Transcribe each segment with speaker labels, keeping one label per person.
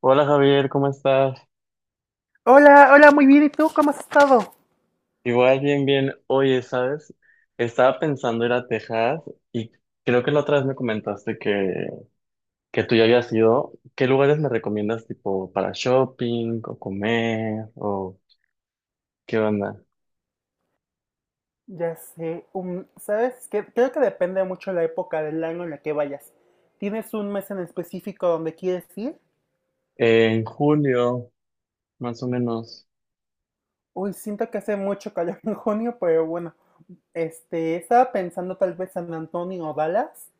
Speaker 1: Hola Javier, ¿cómo estás?
Speaker 2: Hola, hola, muy bien. ¿Y tú cómo has estado?
Speaker 1: Igual, bien, bien. Oye, ¿sabes? Estaba pensando ir a Texas y creo que la otra vez me comentaste que tú ya habías ido. ¿Qué lugares me recomiendas tipo para shopping o comer o qué onda?
Speaker 2: Ya sé, ¿sabes qué? Creo que depende mucho la época del año en la que vayas. ¿Tienes un mes en específico donde quieres ir?
Speaker 1: En julio, más o menos.
Speaker 2: Uy, siento que hace mucho calor en junio, pero bueno. Estaba pensando tal vez San Antonio o Dallas.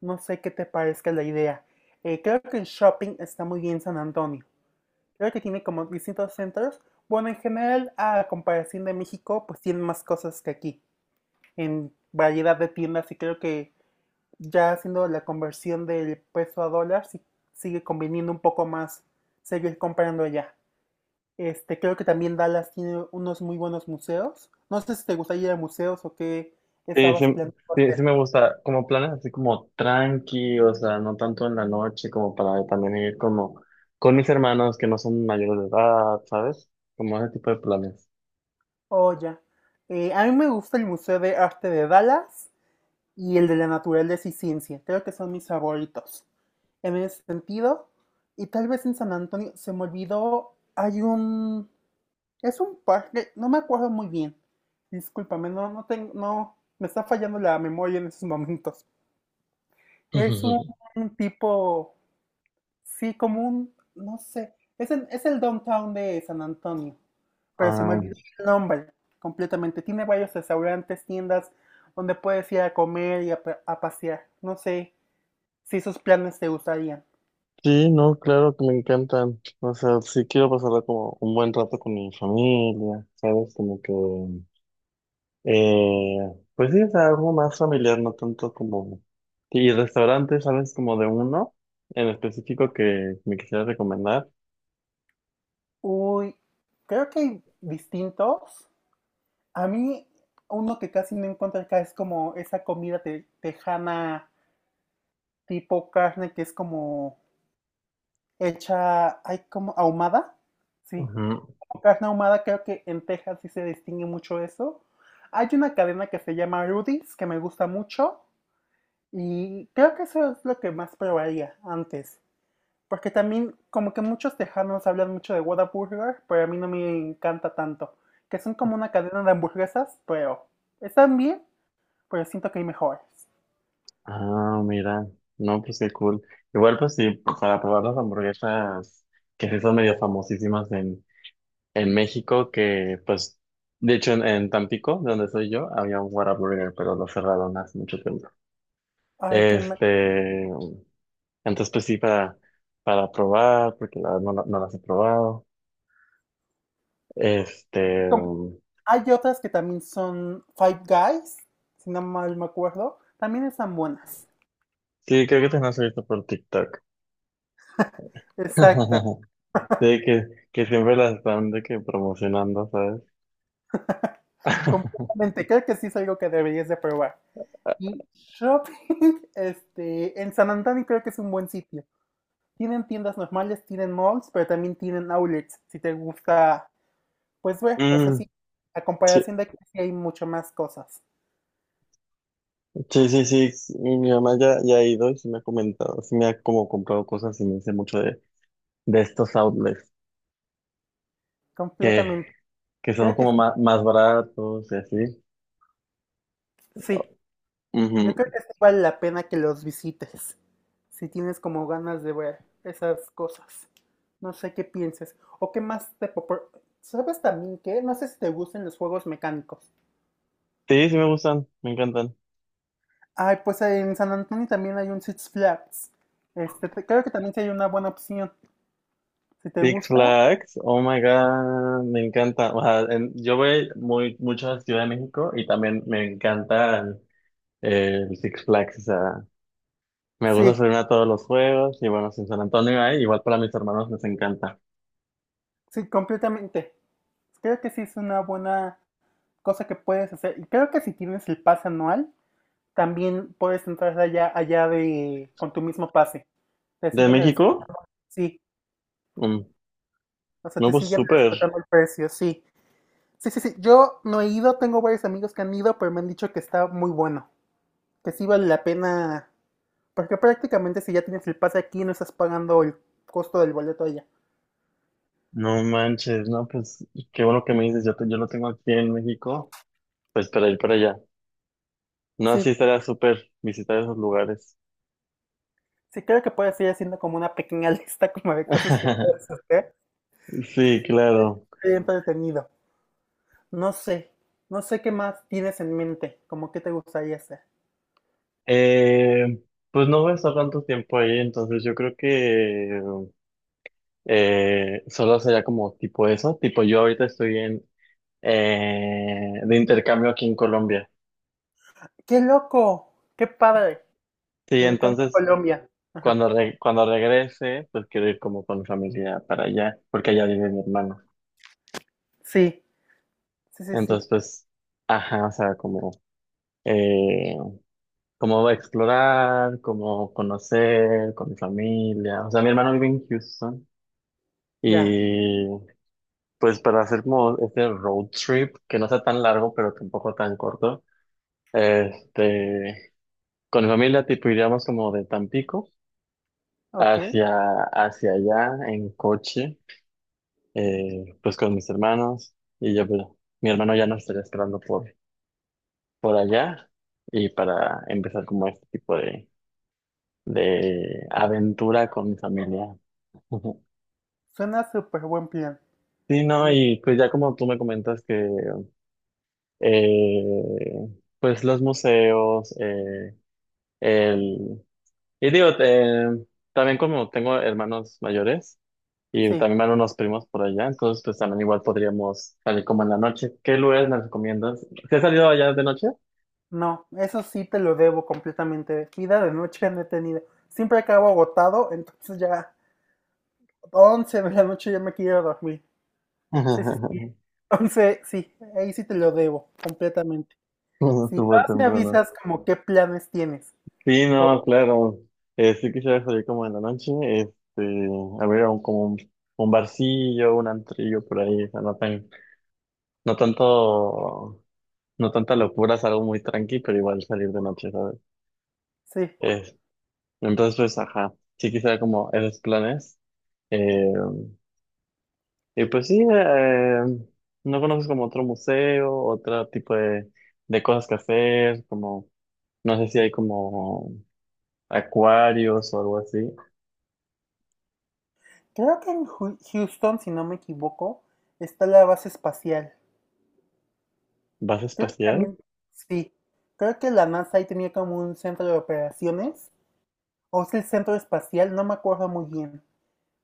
Speaker 2: No sé qué te parezca la idea. Creo que en shopping está muy bien San Antonio. Creo que tiene como distintos centros. Bueno, en general, a comparación de México, pues tienen más cosas que aquí. En variedad de tiendas y creo que ya haciendo la conversión del peso a dólar, sí sigue conveniendo un poco más seguir comprando allá. Creo que también Dallas tiene unos muy buenos museos. No sé si te gustaría ir a museos o qué
Speaker 1: Sí,
Speaker 2: estabas
Speaker 1: sí,
Speaker 2: planeando
Speaker 1: sí, sí
Speaker 2: hacer.
Speaker 1: me gusta. Como planes así como tranqui, o sea, no tanto en la noche, como para también ir como con mis hermanos que no son mayores de edad, ¿sabes? Como ese tipo de planes.
Speaker 2: Oh, ya. A mí me gusta el Museo de Arte de Dallas y el de la Naturaleza y Ciencia. Creo que son mis favoritos. En ese sentido, y tal vez en San Antonio, se me olvidó, hay un Es un parque, no me acuerdo muy bien. Discúlpame, no, no tengo, no, me está fallando la memoria en esos momentos. Es un tipo, sí, como un, no sé, es el downtown de San Antonio, pero se
Speaker 1: Ah,
Speaker 2: me olvidó el nombre completamente. Tiene varios restaurantes, tiendas donde puedes ir a comer y a, a pasear. No sé si esos planes te gustarían.
Speaker 1: sí, no, claro que me encantan. O sea, sí quiero pasarla como un buen rato con mi familia, ¿sabes? Como que, eh, pues sí, es algo más familiar, no tanto como... Y restaurantes, ¿sabes? Como de uno en específico que me quisiera recomendar.
Speaker 2: Uy, creo que hay distintos. A mí, uno que casi no encuentro acá es como esa comida tejana tipo carne que es como hecha, ay, como ahumada. Sí,
Speaker 1: Ujú.
Speaker 2: como carne ahumada, creo que en Texas sí se distingue mucho eso. Hay una cadena que se llama Rudy's que me gusta mucho y creo que eso es lo que más probaría antes. Porque también como que muchos tejanos hablan mucho de Whataburger, pero a mí no me encanta tanto. Que son como una cadena de hamburguesas, pero están bien, pero siento que hay mejores.
Speaker 1: Ah, mira. No, pues qué cool. Igual, pues sí, para probar las hamburguesas que sí son medio famosísimas en México que, pues, de hecho en Tampico, de donde soy yo, había un Whataburger, pero lo cerraron hace mucho tiempo.
Speaker 2: Ay,
Speaker 1: Este, entonces pues sí, para probar, porque la verdad no, no las he probado. Este,
Speaker 2: com- Hay otras que también son Five Guys, si no mal me acuerdo. También están buenas.
Speaker 1: sí, creo que te las he visto por TikTok.
Speaker 2: Exacto,
Speaker 1: Sí, que siempre las están de que promocionando, ¿sabes?
Speaker 2: completamente. Creo que sí es algo que deberías de probar. Y shopping, en San Antonio creo que es un buen sitio. Tienen tiendas normales, tienen malls, pero también tienen outlets, si te gusta, pues ver, o sea,
Speaker 1: Mm,
Speaker 2: sí, a
Speaker 1: sí,
Speaker 2: comparación de aquí sí hay mucho más cosas.
Speaker 1: sí, sí, sí, sí, mi mamá ya ha ido y sí me ha comentado, sí me ha como comprado cosas y me dice mucho de estos outlets. Que
Speaker 2: Completamente.
Speaker 1: que, son
Speaker 2: Creo que
Speaker 1: como
Speaker 2: sí.
Speaker 1: más baratos y así.
Speaker 2: Sí. Yo creo
Speaker 1: Ujú.
Speaker 2: que sí vale la pena que los visites, si tienes como ganas de ver esas cosas. No sé qué pienses. O qué más ¿Sabes también qué? No sé si te gustan los juegos mecánicos.
Speaker 1: Sí, sí me gustan, me encantan.
Speaker 2: Ay, pues en San Antonio también hay un Six Flags. Este, creo que también sí hay una buena opción. Si te
Speaker 1: Six
Speaker 2: gusta,
Speaker 1: Flags, oh my God, me encanta. O sea, yo voy muy, mucho a Ciudad de México y también me encantan el Six Flags. O sea, me gusta
Speaker 2: sí,
Speaker 1: subir a todos los juegos y bueno, sin San Antonio hay, igual para mis hermanos les encanta.
Speaker 2: sí, completamente. Creo que sí es una buena cosa que puedes hacer. Y creo que si tienes el pase anual, también puedes entrar allá, allá de, con tu mismo pase. Te
Speaker 1: ¿De
Speaker 2: siguen res-
Speaker 1: México?
Speaker 2: sí,
Speaker 1: Mm,
Speaker 2: o sea,
Speaker 1: no,
Speaker 2: te
Speaker 1: pues
Speaker 2: siguen
Speaker 1: súper.
Speaker 2: respetando el precio, sí. Sí, sí, sí. Yo no he ido, tengo varios amigos que han ido, pero me han dicho que está muy bueno, que sí vale la pena, porque prácticamente si ya tienes el pase aquí no estás pagando el costo del boleto allá.
Speaker 1: No manches, no, pues qué bueno que me dices, yo, yo lo tengo aquí en México, pues para ir para allá. No,
Speaker 2: Sí,
Speaker 1: sí estaría súper visitar esos lugares.
Speaker 2: sí creo que puedes ir haciendo como una pequeña lista como de cosas que puedes hacer.
Speaker 1: Sí, claro.
Speaker 2: Bien entretenido. No sé, no sé qué más tienes en mente, como qué te gustaría hacer.
Speaker 1: Eh, pues no voy a estar tanto tiempo ahí, entonces yo creo que solo sería como tipo eso, tipo yo ahorita estoy en de intercambio aquí en Colombia.
Speaker 2: ¡Qué loco! ¡Qué padre!
Speaker 1: Sí,
Speaker 2: Me encanta
Speaker 1: entonces
Speaker 2: Colombia. Ajá.
Speaker 1: cuando cuando regrese, pues quiero ir como con mi familia para allá, porque allá vive mi hermano.
Speaker 2: Sí, sí, sí, sí.
Speaker 1: Entonces, pues, ajá, o sea, como eh, como va a explorar, como conocer con mi familia. O sea, mi hermano vive en Houston
Speaker 2: Ya,
Speaker 1: y pues para hacer como este road trip, que no sea tan largo, pero tampoco tan corto, este, con mi familia tipo iríamos como de Tampico
Speaker 2: ok.
Speaker 1: hacia, hacia allá en coche, pues con mis hermanos y yo, pues, mi hermano ya nos estaría esperando por allá y para empezar como este tipo de aventura con mi familia. Ujú.
Speaker 2: Suena súper buen plan.
Speaker 1: Sí, no,
Speaker 2: Honest-
Speaker 1: y pues ya como tú me comentas que eh, pues los museos, el... Y digo, también como tengo hermanos mayores y
Speaker 2: Sí,
Speaker 1: también van unos primos por allá, entonces pues también igual podríamos salir como en la noche. ¿Qué lugares me recomiendas? ¿Se ha salido allá de noche?
Speaker 2: no, eso sí te lo debo completamente. Vida de noche no he tenido. Siempre acabo agotado, entonces ya 11 de la noche ya me quiero dormir. Sí, sí, sí. 11, sí, ahí sí te lo debo completamente. Si
Speaker 1: Súper
Speaker 2: vas, me
Speaker 1: temprano.
Speaker 2: avisas como qué planes tienes.
Speaker 1: Sí,
Speaker 2: O,
Speaker 1: no, claro. Sí quisiera salir como en la noche, este, a ver, un, como un barcillo, un antrillo por ahí, o sea, no tan no tanto, no tanta locura, es algo muy tranqui, pero igual salir de noche, ¿sabes?
Speaker 2: sí,
Speaker 1: Eh, entonces, pues, ajá, sí quisiera como esos planes. Eh, y pues sí, no conoces como otro museo, otro tipo de cosas que hacer, como, no sé si hay como acuarios o algo así.
Speaker 2: creo que en Houston, si no me equivoco, está la base espacial.
Speaker 1: ¿Vas
Speaker 2: Creo que
Speaker 1: espacial?
Speaker 2: también, sí. Creo que la NASA ahí tenía como un centro de operaciones. O es el centro espacial, no me acuerdo muy bien.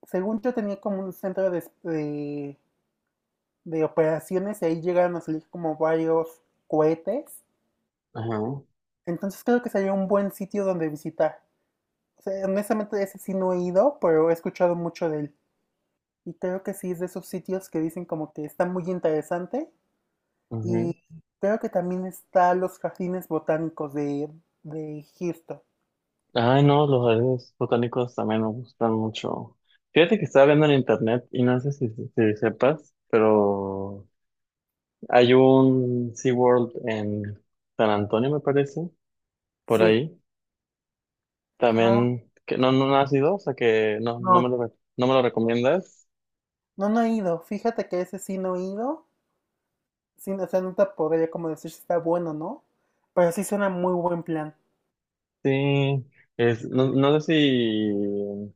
Speaker 2: Según yo tenía como un centro de operaciones y ahí llegaron a salir como varios cohetes.
Speaker 1: Ajá.
Speaker 2: Entonces creo que sería un buen sitio donde visitar. O sea, honestamente ese sí no he ido, pero he escuchado mucho de él. Y creo que sí es de esos sitios que dicen como que está muy interesante. Y
Speaker 1: Ujú.
Speaker 2: creo que también está los jardines botánicos de Houston.
Speaker 1: Ay, no, los jardines botánicos también me gustan mucho. Fíjate que estaba viendo en internet y no sé si sepas, pero hay un SeaWorld en San Antonio, me parece, por
Speaker 2: Sí.
Speaker 1: ahí.
Speaker 2: Ah,
Speaker 1: También, que no, no has ido, o sea que no, no me
Speaker 2: no,
Speaker 1: lo, no me lo recomiendas.
Speaker 2: no, no he ido. Fíjate que ese sí no he ido. Sí, o sea, no te podría como decir si está bueno o no, pero sí suena muy buen plan.
Speaker 1: Sí, es, no, no sé si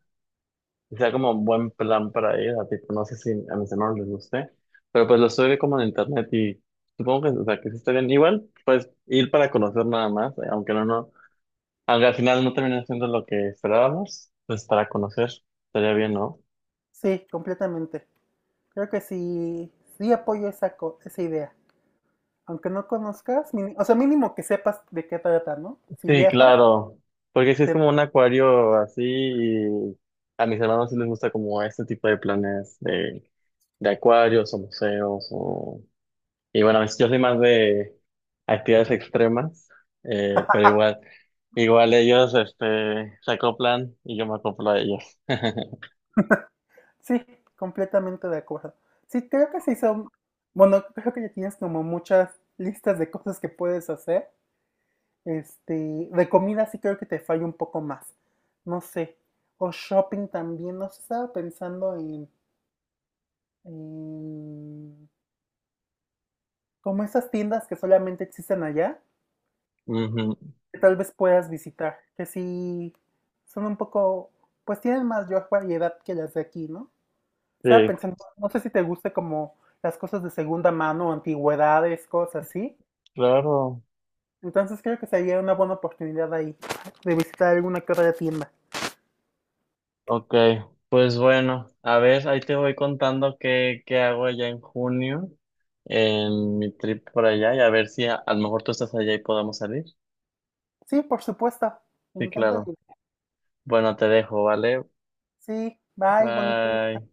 Speaker 1: sea como un buen plan para ir, a tipo, no sé si a mis hermanos les guste, pero pues lo estoy viendo como en internet y supongo que, o sea, que sí está bien. Igual, pues ir para conocer nada más, aunque no, aunque al final no termine siendo lo que esperábamos, pues para conocer estaría bien, ¿no?
Speaker 2: Sí, completamente. Creo que sí, sí apoyo esa, esa idea. Aunque no conozcas, o sea, mínimo que sepas de qué trata, ¿no? Si
Speaker 1: Sí,
Speaker 2: viajas,
Speaker 1: claro, porque si es
Speaker 2: te-
Speaker 1: como un acuario así y a mis hermanos sí les gusta como este tipo de planes de acuarios o museos o y bueno, yo soy más de actividades extremas, pero igual, igual ellos, este, se acoplan y yo me acoplo a ellos.
Speaker 2: sí, completamente de acuerdo. Sí, creo que sí son, bueno, creo que ya tienes como muchas listas de cosas que puedes hacer. Este, de comida sí creo que te falla un poco más. No sé. O shopping también, no sé, estaba pensando en em, como esas tiendas que solamente existen allá,
Speaker 1: Ujú,
Speaker 2: que tal vez puedas visitar, que sí son un poco, pues tienen más variedad que las de aquí, ¿no? Estaba
Speaker 1: sí,
Speaker 2: pensando, no sé si te guste como las cosas de segunda mano, antigüedades, cosas así.
Speaker 1: claro.
Speaker 2: Entonces creo que sería una buena oportunidad ahí de visitar alguna que otra tienda.
Speaker 1: Ok, pues bueno, a ver, ahí te voy contando qué, qué hago allá en junio, en mi trip por allá, y a ver si a, a lo mejor tú estás allá y podamos salir.
Speaker 2: Sí, por supuesto. Me
Speaker 1: Sí,
Speaker 2: encanta la
Speaker 1: claro.
Speaker 2: idea.
Speaker 1: Bueno, te dejo, ¿vale?
Speaker 2: Sí, bye, bonito día.
Speaker 1: Bye.